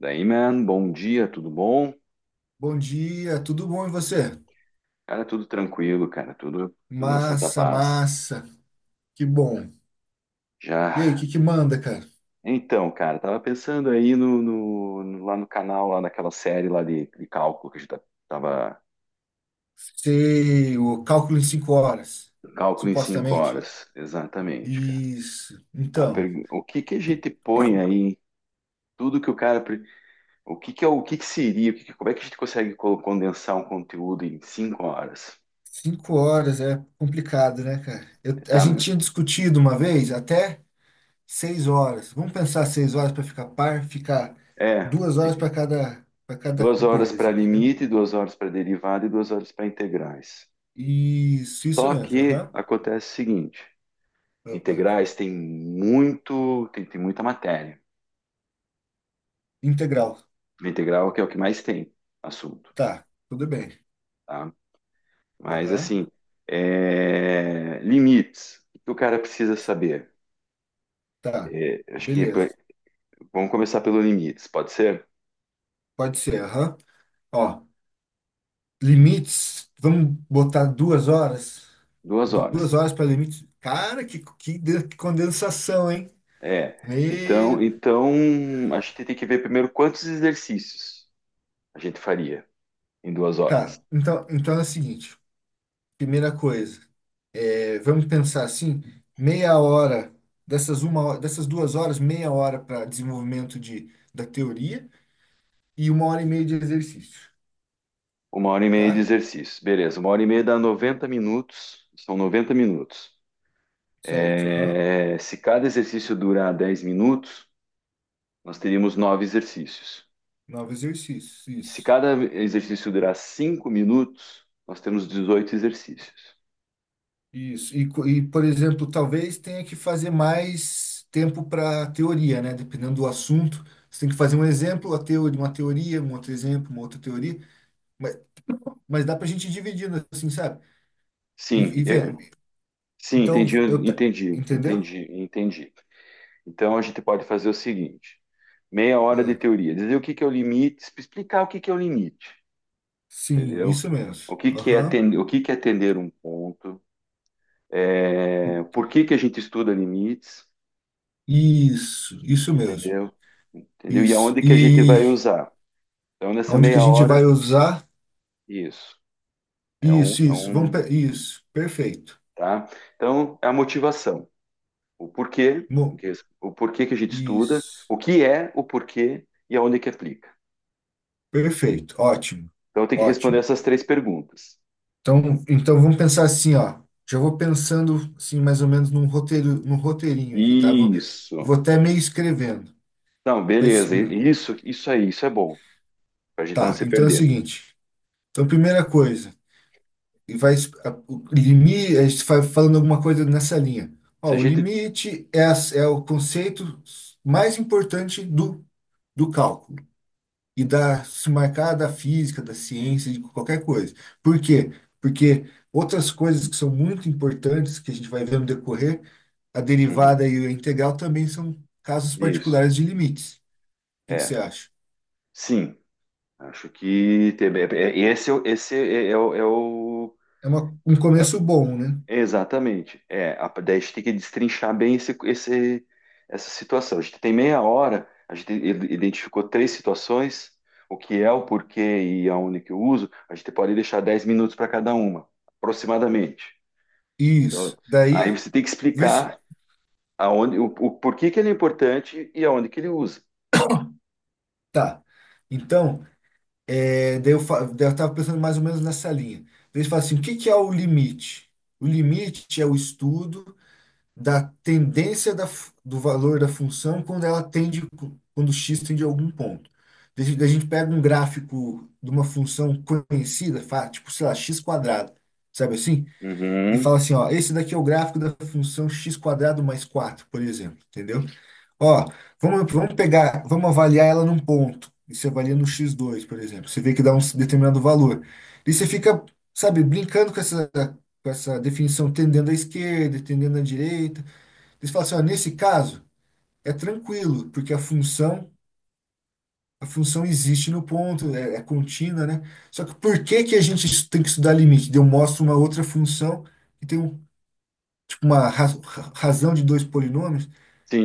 Daí, man, bom dia, tudo bom? Bom dia, tudo bom e você? Cara, tudo tranquilo, cara, tudo na Santa Massa, Paz. massa, que bom. E Já. aí, o que que manda, cara? Então, cara, tava pensando aí lá no canal, lá naquela série lá de cálculo que a gente tava. Sei, o cálculo em 5 horas, Cálculo em cinco supostamente. horas, exatamente, cara. Isso. Então, O que que a gente põe aí? Tudo que o cara. O que que é o que que seria? Como é que a gente consegue condensar um conteúdo em 5 horas? 5 horas é complicado, né, cara? A Tá. gente tinha discutido uma vez até 6 horas. Vamos pensar 6 horas para ficar par, ficar É. 2 horas para cada 2 horas coisa, para entendeu? limite, 2 horas para derivada e 2 horas para integrais. Isso Só mesmo. que Aham. acontece o seguinte: Ah, integrais tem muita matéria. Integral. Integral que é o que mais tem assunto, Tá, tudo bem. tá? Mas Aham. assim, limites. O que o cara precisa saber? Tá, É, acho que beleza. vamos começar pelo limites. Pode ser Pode ser, aham. Ó, limites, vamos botar 2 horas. duas horas. Duas horas para limites. Cara, que condensação, hein? É. Então, E... então a gente tem que ver primeiro quantos exercícios a gente faria em duas Tá, horas. então, é o seguinte. Primeira coisa, vamos pensar assim, meia hora, dessas 2 horas, meia hora para desenvolvimento da teoria e 1 hora e meia de exercício, 1 hora e meia de tá? exercício. Beleza, 1 hora e meia dá 90 minutos. São 90 minutos. Certo, aham. É, se cada exercício durar 10 minutos, nós teríamos nove exercícios. Nove exercícios, Se isso. cada exercício durar 5 minutos, nós temos 18 exercícios. Isso. E, por exemplo, talvez tenha que fazer mais tempo para teoria, né? Dependendo do assunto. Você tem que fazer um exemplo, a teoria, uma teoria, um outro exemplo, uma outra teoria. Mas, mas dá para a gente ir dividindo, assim, sabe? E, Sim, e ver. sim, Então, entendi, eu. ta- entendi, Entendeu? entendi, entendi. Então a gente pode fazer o seguinte: meia hora de Ah, teoria, dizer o que que é o limite, explicar o que que é o limite, sim, entendeu? isso mesmo. O que que é Aham. atender, o que que é atender um ponto. É, por que que a gente estuda limites, Isso mesmo. entendeu? Entendeu? E Isso. aonde que a gente E vai usar? Então, nessa aonde que a meia gente hora, vai usar? isso. É um, Isso, é isso. Vamos, um, pe- isso. Perfeito. tá? Então, é a motivação. O porquê, Bom, o porquê que a gente estuda, isso. o que é, o porquê e aonde que aplica. Perfeito, ótimo, Então, tem que responder ótimo. essas três perguntas. Então, vamos pensar assim, ó. Já vou pensando assim, mais ou menos num roteiro, num roteirinho aqui, tá? Vou Isso. até meio escrevendo. Não, Mas, beleza. Isso aí, isso é bom, para a gente não tá, se então é o perder. seguinte. Então, primeira coisa, o limite, a gente vai falando alguma coisa nessa linha. Se Ó, a o gente. limite é o conceito mais importante do cálculo. E da se marcar da física, da ciência, de qualquer coisa. Por quê? Porque outras coisas que são muito importantes, que a gente vai ver no decorrer, a Uhum. derivada e a integral também são casos Isso. particulares de limites. O que que você É. acha? Sim. Acho que esse, esse É um é- começo bom, né? é exatamente. Daí a gente tem que destrinchar bem esse, essa situação. A gente tem meia hora, a gente identificou três situações, o que é, o porquê e aonde que eu uso. A gente pode deixar 10 minutos para cada uma, aproximadamente. Então, Isso. aí Daí, você tem que vê se. explicar aonde, o porquê que ele é importante e aonde que ele usa. Tá. Então, daí eu estava pensando mais ou menos nessa linha. Daí você fala assim: o que que é o limite? O limite é o estudo da tendência do valor da função quando x tende a algum ponto. Daí a gente pega um gráfico de uma função conhecida, tipo, sei lá, x quadrado, sabe assim? E fala Uhum. assim, ó, esse daqui é o gráfico da função x quadrado mais 4, por exemplo, entendeu? Ó, vamos avaliar ela num ponto. E você avalia no x dois, por exemplo. Você vê que dá um determinado valor. E você fica, sabe, brincando com essa definição, tendendo à esquerda, tendendo à direita. Eles falam assim, ó, nesse caso é tranquilo, porque a função existe no ponto, é contínua, né? Só que por que que a gente tem que estudar limite? Eu mostro uma outra função que tem um, tipo uma razão de dois polinômios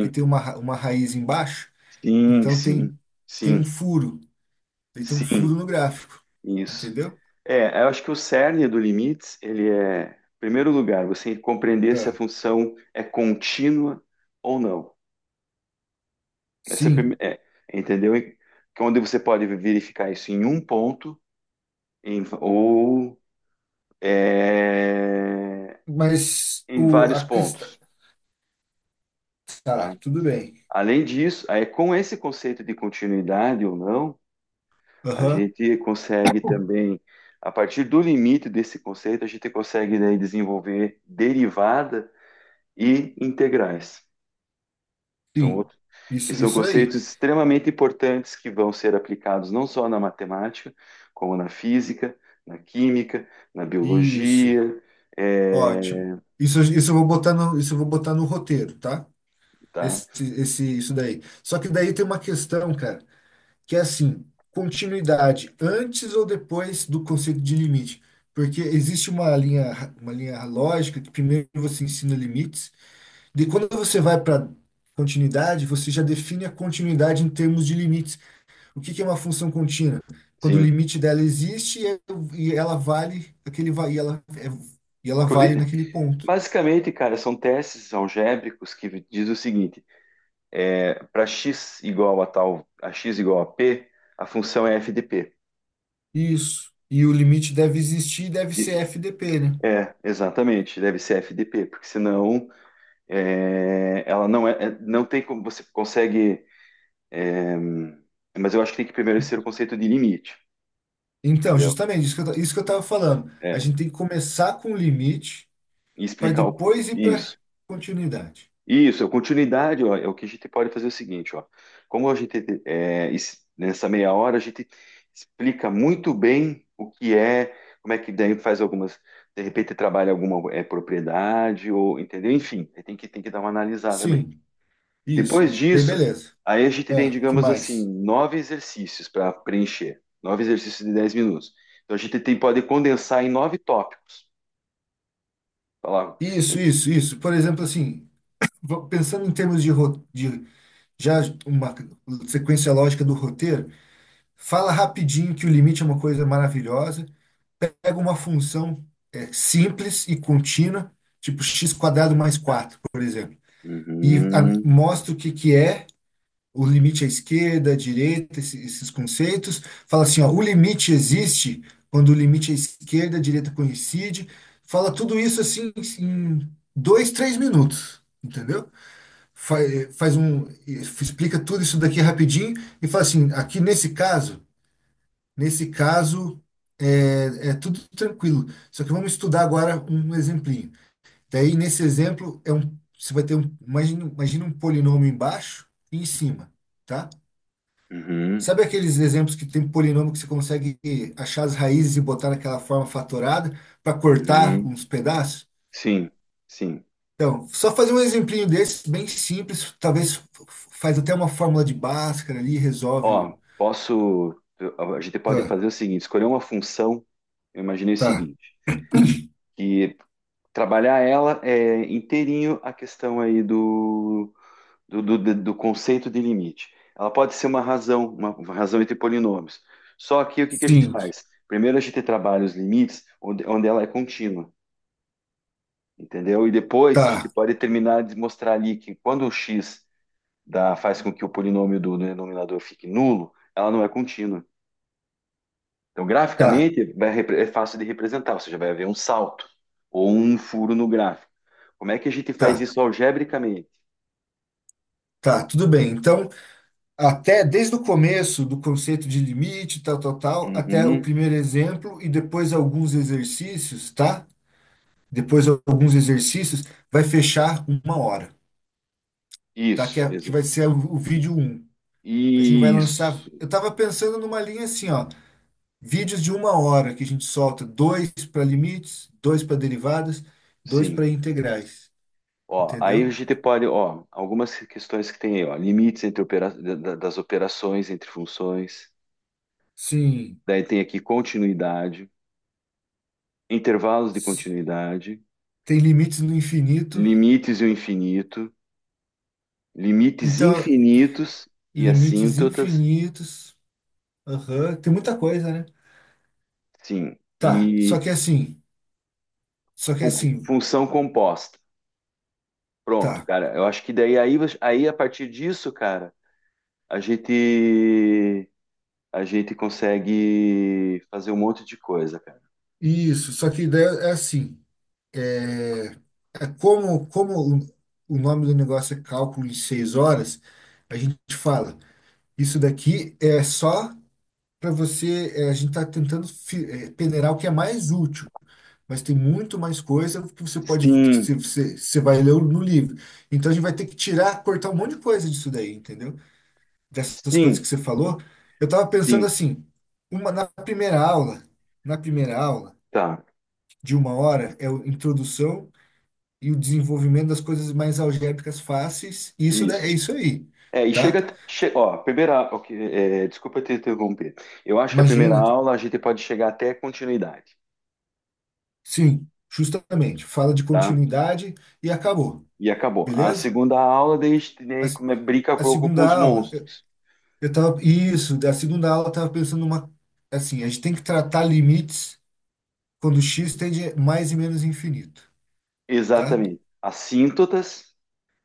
que tem uma raiz embaixo, sim, então sim, tem tem um sim, furo, ele tem um sim. furo no gráfico, Isso. entendeu? É, eu acho que o cerne do limites, ele é, em primeiro lugar, você compreender se a Ah, função é contínua ou não. Essa é, a prime- sim, é, entendeu? E onde você pode verificar isso em um ponto ou é, mas em o vários a questão pontos, tá? tá, tudo bem. Além disso, aí com esse conceito de continuidade ou não, a Aham. gente consegue também, a partir do limite desse conceito, a gente consegue daí desenvolver derivadas e integrais. São Sim, outros, que isso são isso aí. conceitos extremamente importantes que vão ser aplicados não só na matemática, como na física, na química, na Isso. biologia, Ótimo. é, Isso eu vou botar no, isso eu vou botar no roteiro, tá? tá? Esse, esse, isso daí. Só que daí tem uma questão, cara, que é assim, continuidade antes ou depois do conceito de limite. Porque existe uma linha lógica que primeiro você ensina limites, de quando você vai para continuidade, você já define a continuidade em termos de limites. O que que é uma função contínua? Quando o Sim. limite dela existe e ela vale aquele va- e ela, é, e ela vale naquele ponto. Basicamente, cara, são testes algébricos que diz o seguinte: para x igual a tal, a x igual a p, a função é f de p. Isso. E o limite deve existir e deve E- ser FDP, né? É, exatamente, deve ser f de p, porque senão, ela não é, não tem como você consegue, é, mas eu acho que tem que primeiro ser o conceito de limite, Então, entendeu? justamente, isso que eu estava falando. A É, gente tem que começar com o limite e para explicar depois ir para isso. continuidade. Isso, a continuidade, ó, é o que a gente pode fazer o seguinte, ó. Como a gente nessa meia hora a gente explica muito bem o que é, como é que daí faz algumas, de repente trabalha alguma propriedade ou entendeu? Enfim, tem que dar uma analisada bem. Sim, isso. Depois E daí, disso, beleza. aí a gente tem, Ah, que digamos assim, mais? nove exercícios para preencher, nove exercícios de 10 minutos. Então a gente tem, pode condensar em nove tópicos. Falava. Isso, isso, isso. Por exemplo, assim, pensando em termos de já uma sequência lógica do roteiro, fala rapidinho que o limite é uma coisa maravilhosa pega uma função simples e contínua, tipo x quadrado mais 4 por exemplo, e Uhum, mostra o que, que é o limite à esquerda, à direita, esses conceitos. Fala assim, ó, o limite existe quando o limite à esquerda, à direita coincide. Fala tudo isso assim em 2, 3 minutos, entendeu? Explica tudo isso daqui rapidinho e fala assim, Nesse caso, é tudo tranquilo. Só que vamos estudar agora um exemplinho. Daí, nesse exemplo, você vai ter um, imagina um polinômio embaixo e em cima, tá? uhum, Sabe aqueles exemplos que tem polinômio que você consegue achar as raízes e botar naquela forma fatorada para cortar uhum, uns pedaços? sim, sim. Então, só fazer um exemplinho desse, bem simples, talvez faz até uma fórmula de Bhaskara ali, resolve Ó, o. posso, a gente pode Ah, fazer o seguinte, escolher uma função, eu imaginei o tá. seguinte, que trabalhar ela é inteirinho a questão aí do conceito de limite. Ela pode ser uma razão, uma razão entre polinômios. Só que o que que a gente Sim, faz? Primeiro a gente trabalha os limites onde ela é contínua, entendeu? E depois a gente tá, pode terminar de mostrar ali que quando o x dá, faz com que o polinômio do denominador fique nulo, ela não é contínua. Então, tá, graficamente, é fácil de representar, ou seja, vai haver um salto ou um furo no gráfico. Como é que a gente faz tá. isso algebricamente? Tá, tudo bem. Então, até desde o começo do conceito de limite, tal, tal, tal, até o Uhum. primeiro exemplo e depois alguns exercícios, tá? Depois alguns exercícios, vai fechar 1 hora, tá? Que, Isso, é, que vai ser o vídeo um. A gente vai lançar. isso. Eu tava pensando numa linha assim, ó. Vídeos de 1 hora que a gente solta dois para limites, dois para derivadas, dois Sim. para integrais. Ó, aí a Entendeu? gente pode, ó, algumas questões que tem aí, ó, limites entre das operações, entre funções. Sim. Daí tem aqui continuidade, intervalos de continuidade, Tem limites no infinito. limites e o infinito, limites Então, infinitos e Limites assíntotas, infinitos. Aham. Tem muita coisa, né? sim, Tá. Só e que é assim. Só que é fun- assim. função composta. Pronto, Tá. cara. Eu acho que daí aí a partir disso, cara, a gente a gente consegue fazer um monte de coisa, cara. Isso. Só que daí é assim. É, é como o nome do negócio é cálculo de 6 horas, a gente fala. Isso daqui é só para você. A gente está tentando peneirar o que é mais útil. Mas tem muito mais coisa que você pode, que você, Sim, você você vai ler no livro. Então a gente vai ter que tirar, cortar um monte de coisa disso daí, entendeu? Dessas coisas sim, que você falou, eu estava pensando sim, assim, uma, na primeira aula, na primeira aula tá, de 1 hora é a introdução e o desenvolvimento das coisas mais algébricas fáceis, e é isso. isso aí, É, e tá? chega, ó, a primeira, ok, desculpa te interromper. Eu acho que a primeira Imagina, aula a gente pode chegar até continuidade, sim, justamente, fala de tá? continuidade e acabou, E acabou. A beleza? segunda aula, daí a gente, A, né, s- brinca um a pouco com segunda os aula, monstros. eu tava, isso, da segunda aula eu estava pensando assim, a gente tem que tratar limites quando x tende a mais e menos infinito, tá? Exatamente. Assíntotas,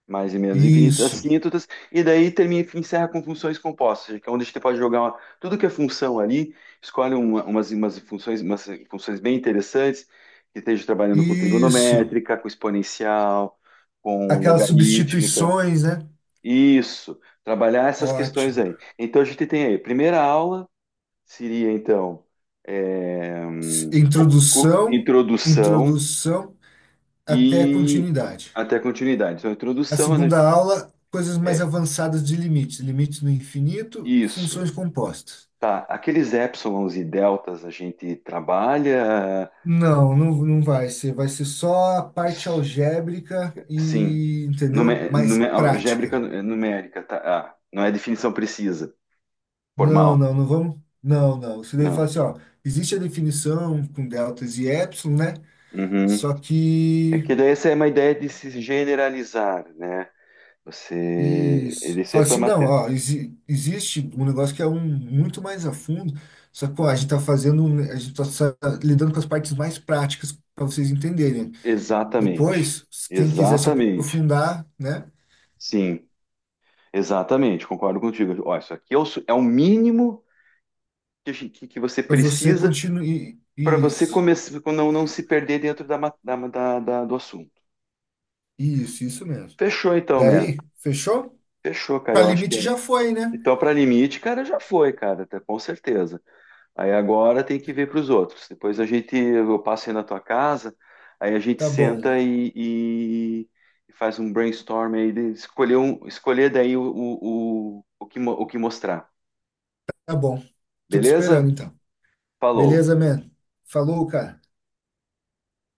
mais e menos infinitas, Isso. assíntotas, e daí termina, encerra com funções compostas, que é onde a gente pode jogar tudo que é função ali, escolhe umas funções, umas funções bem interessantes, que esteja trabalhando com Isso. trigonométrica, com exponencial, com Aquelas logarítmica. substituições, né? Isso, trabalhar essas questões Ótimo. aí. Então a gente tem aí, primeira aula seria então S- Introdução, introdução introdução até e continuidade. até continuidade. Então, a A introdução é segunda aula, coisas mais é avançadas de limites, limites do infinito, isso. funções compostas. Tá, aqueles épsilons e deltas a gente trabalha, Não, não, não vai ser. Vai ser só a parte algébrica sim, entendeu? numé Mais numé algébrica prática. numérica, tá? Ah, não é definição precisa, Não, formal, não, não vamos. Não, não. Você deve não. falar assim, ó, existe a definição com deltas e epsilon, né? Uhum. Só É que que daí essa é uma ideia de se generalizar, né? Você, Isso. ele isso é Fala para assim, não, mater... ó, existe um negócio que é um muito mais a fundo, só que, ó, a gente tá fazendo, um- a gente tá sa- lidando com as partes mais práticas para vocês entenderem. Exatamente, Depois, se quem quiser se exatamente, aprofundar, né, sim, exatamente, concordo contigo. Ó, isso aqui é o mínimo que, que você para você precisa continuar. para você Isso, começar, não, não se perder dentro da, ma- da- da- da- do assunto. isso mesmo. Fechou então, mano. Daí, fechou? Fechou, cara. Para Eu acho que é. limite já foi, né? Então, para limite, cara, já foi, cara, com certeza. Aí agora tem que ver para os outros. Depois eu passo aí na tua casa, aí a gente Tá bom, senta e faz um brainstorm aí, de escolher daí o que, o que mostrar. tá bom. Tô te Beleza? esperando então. Falou. Beleza, man? Falou, cara.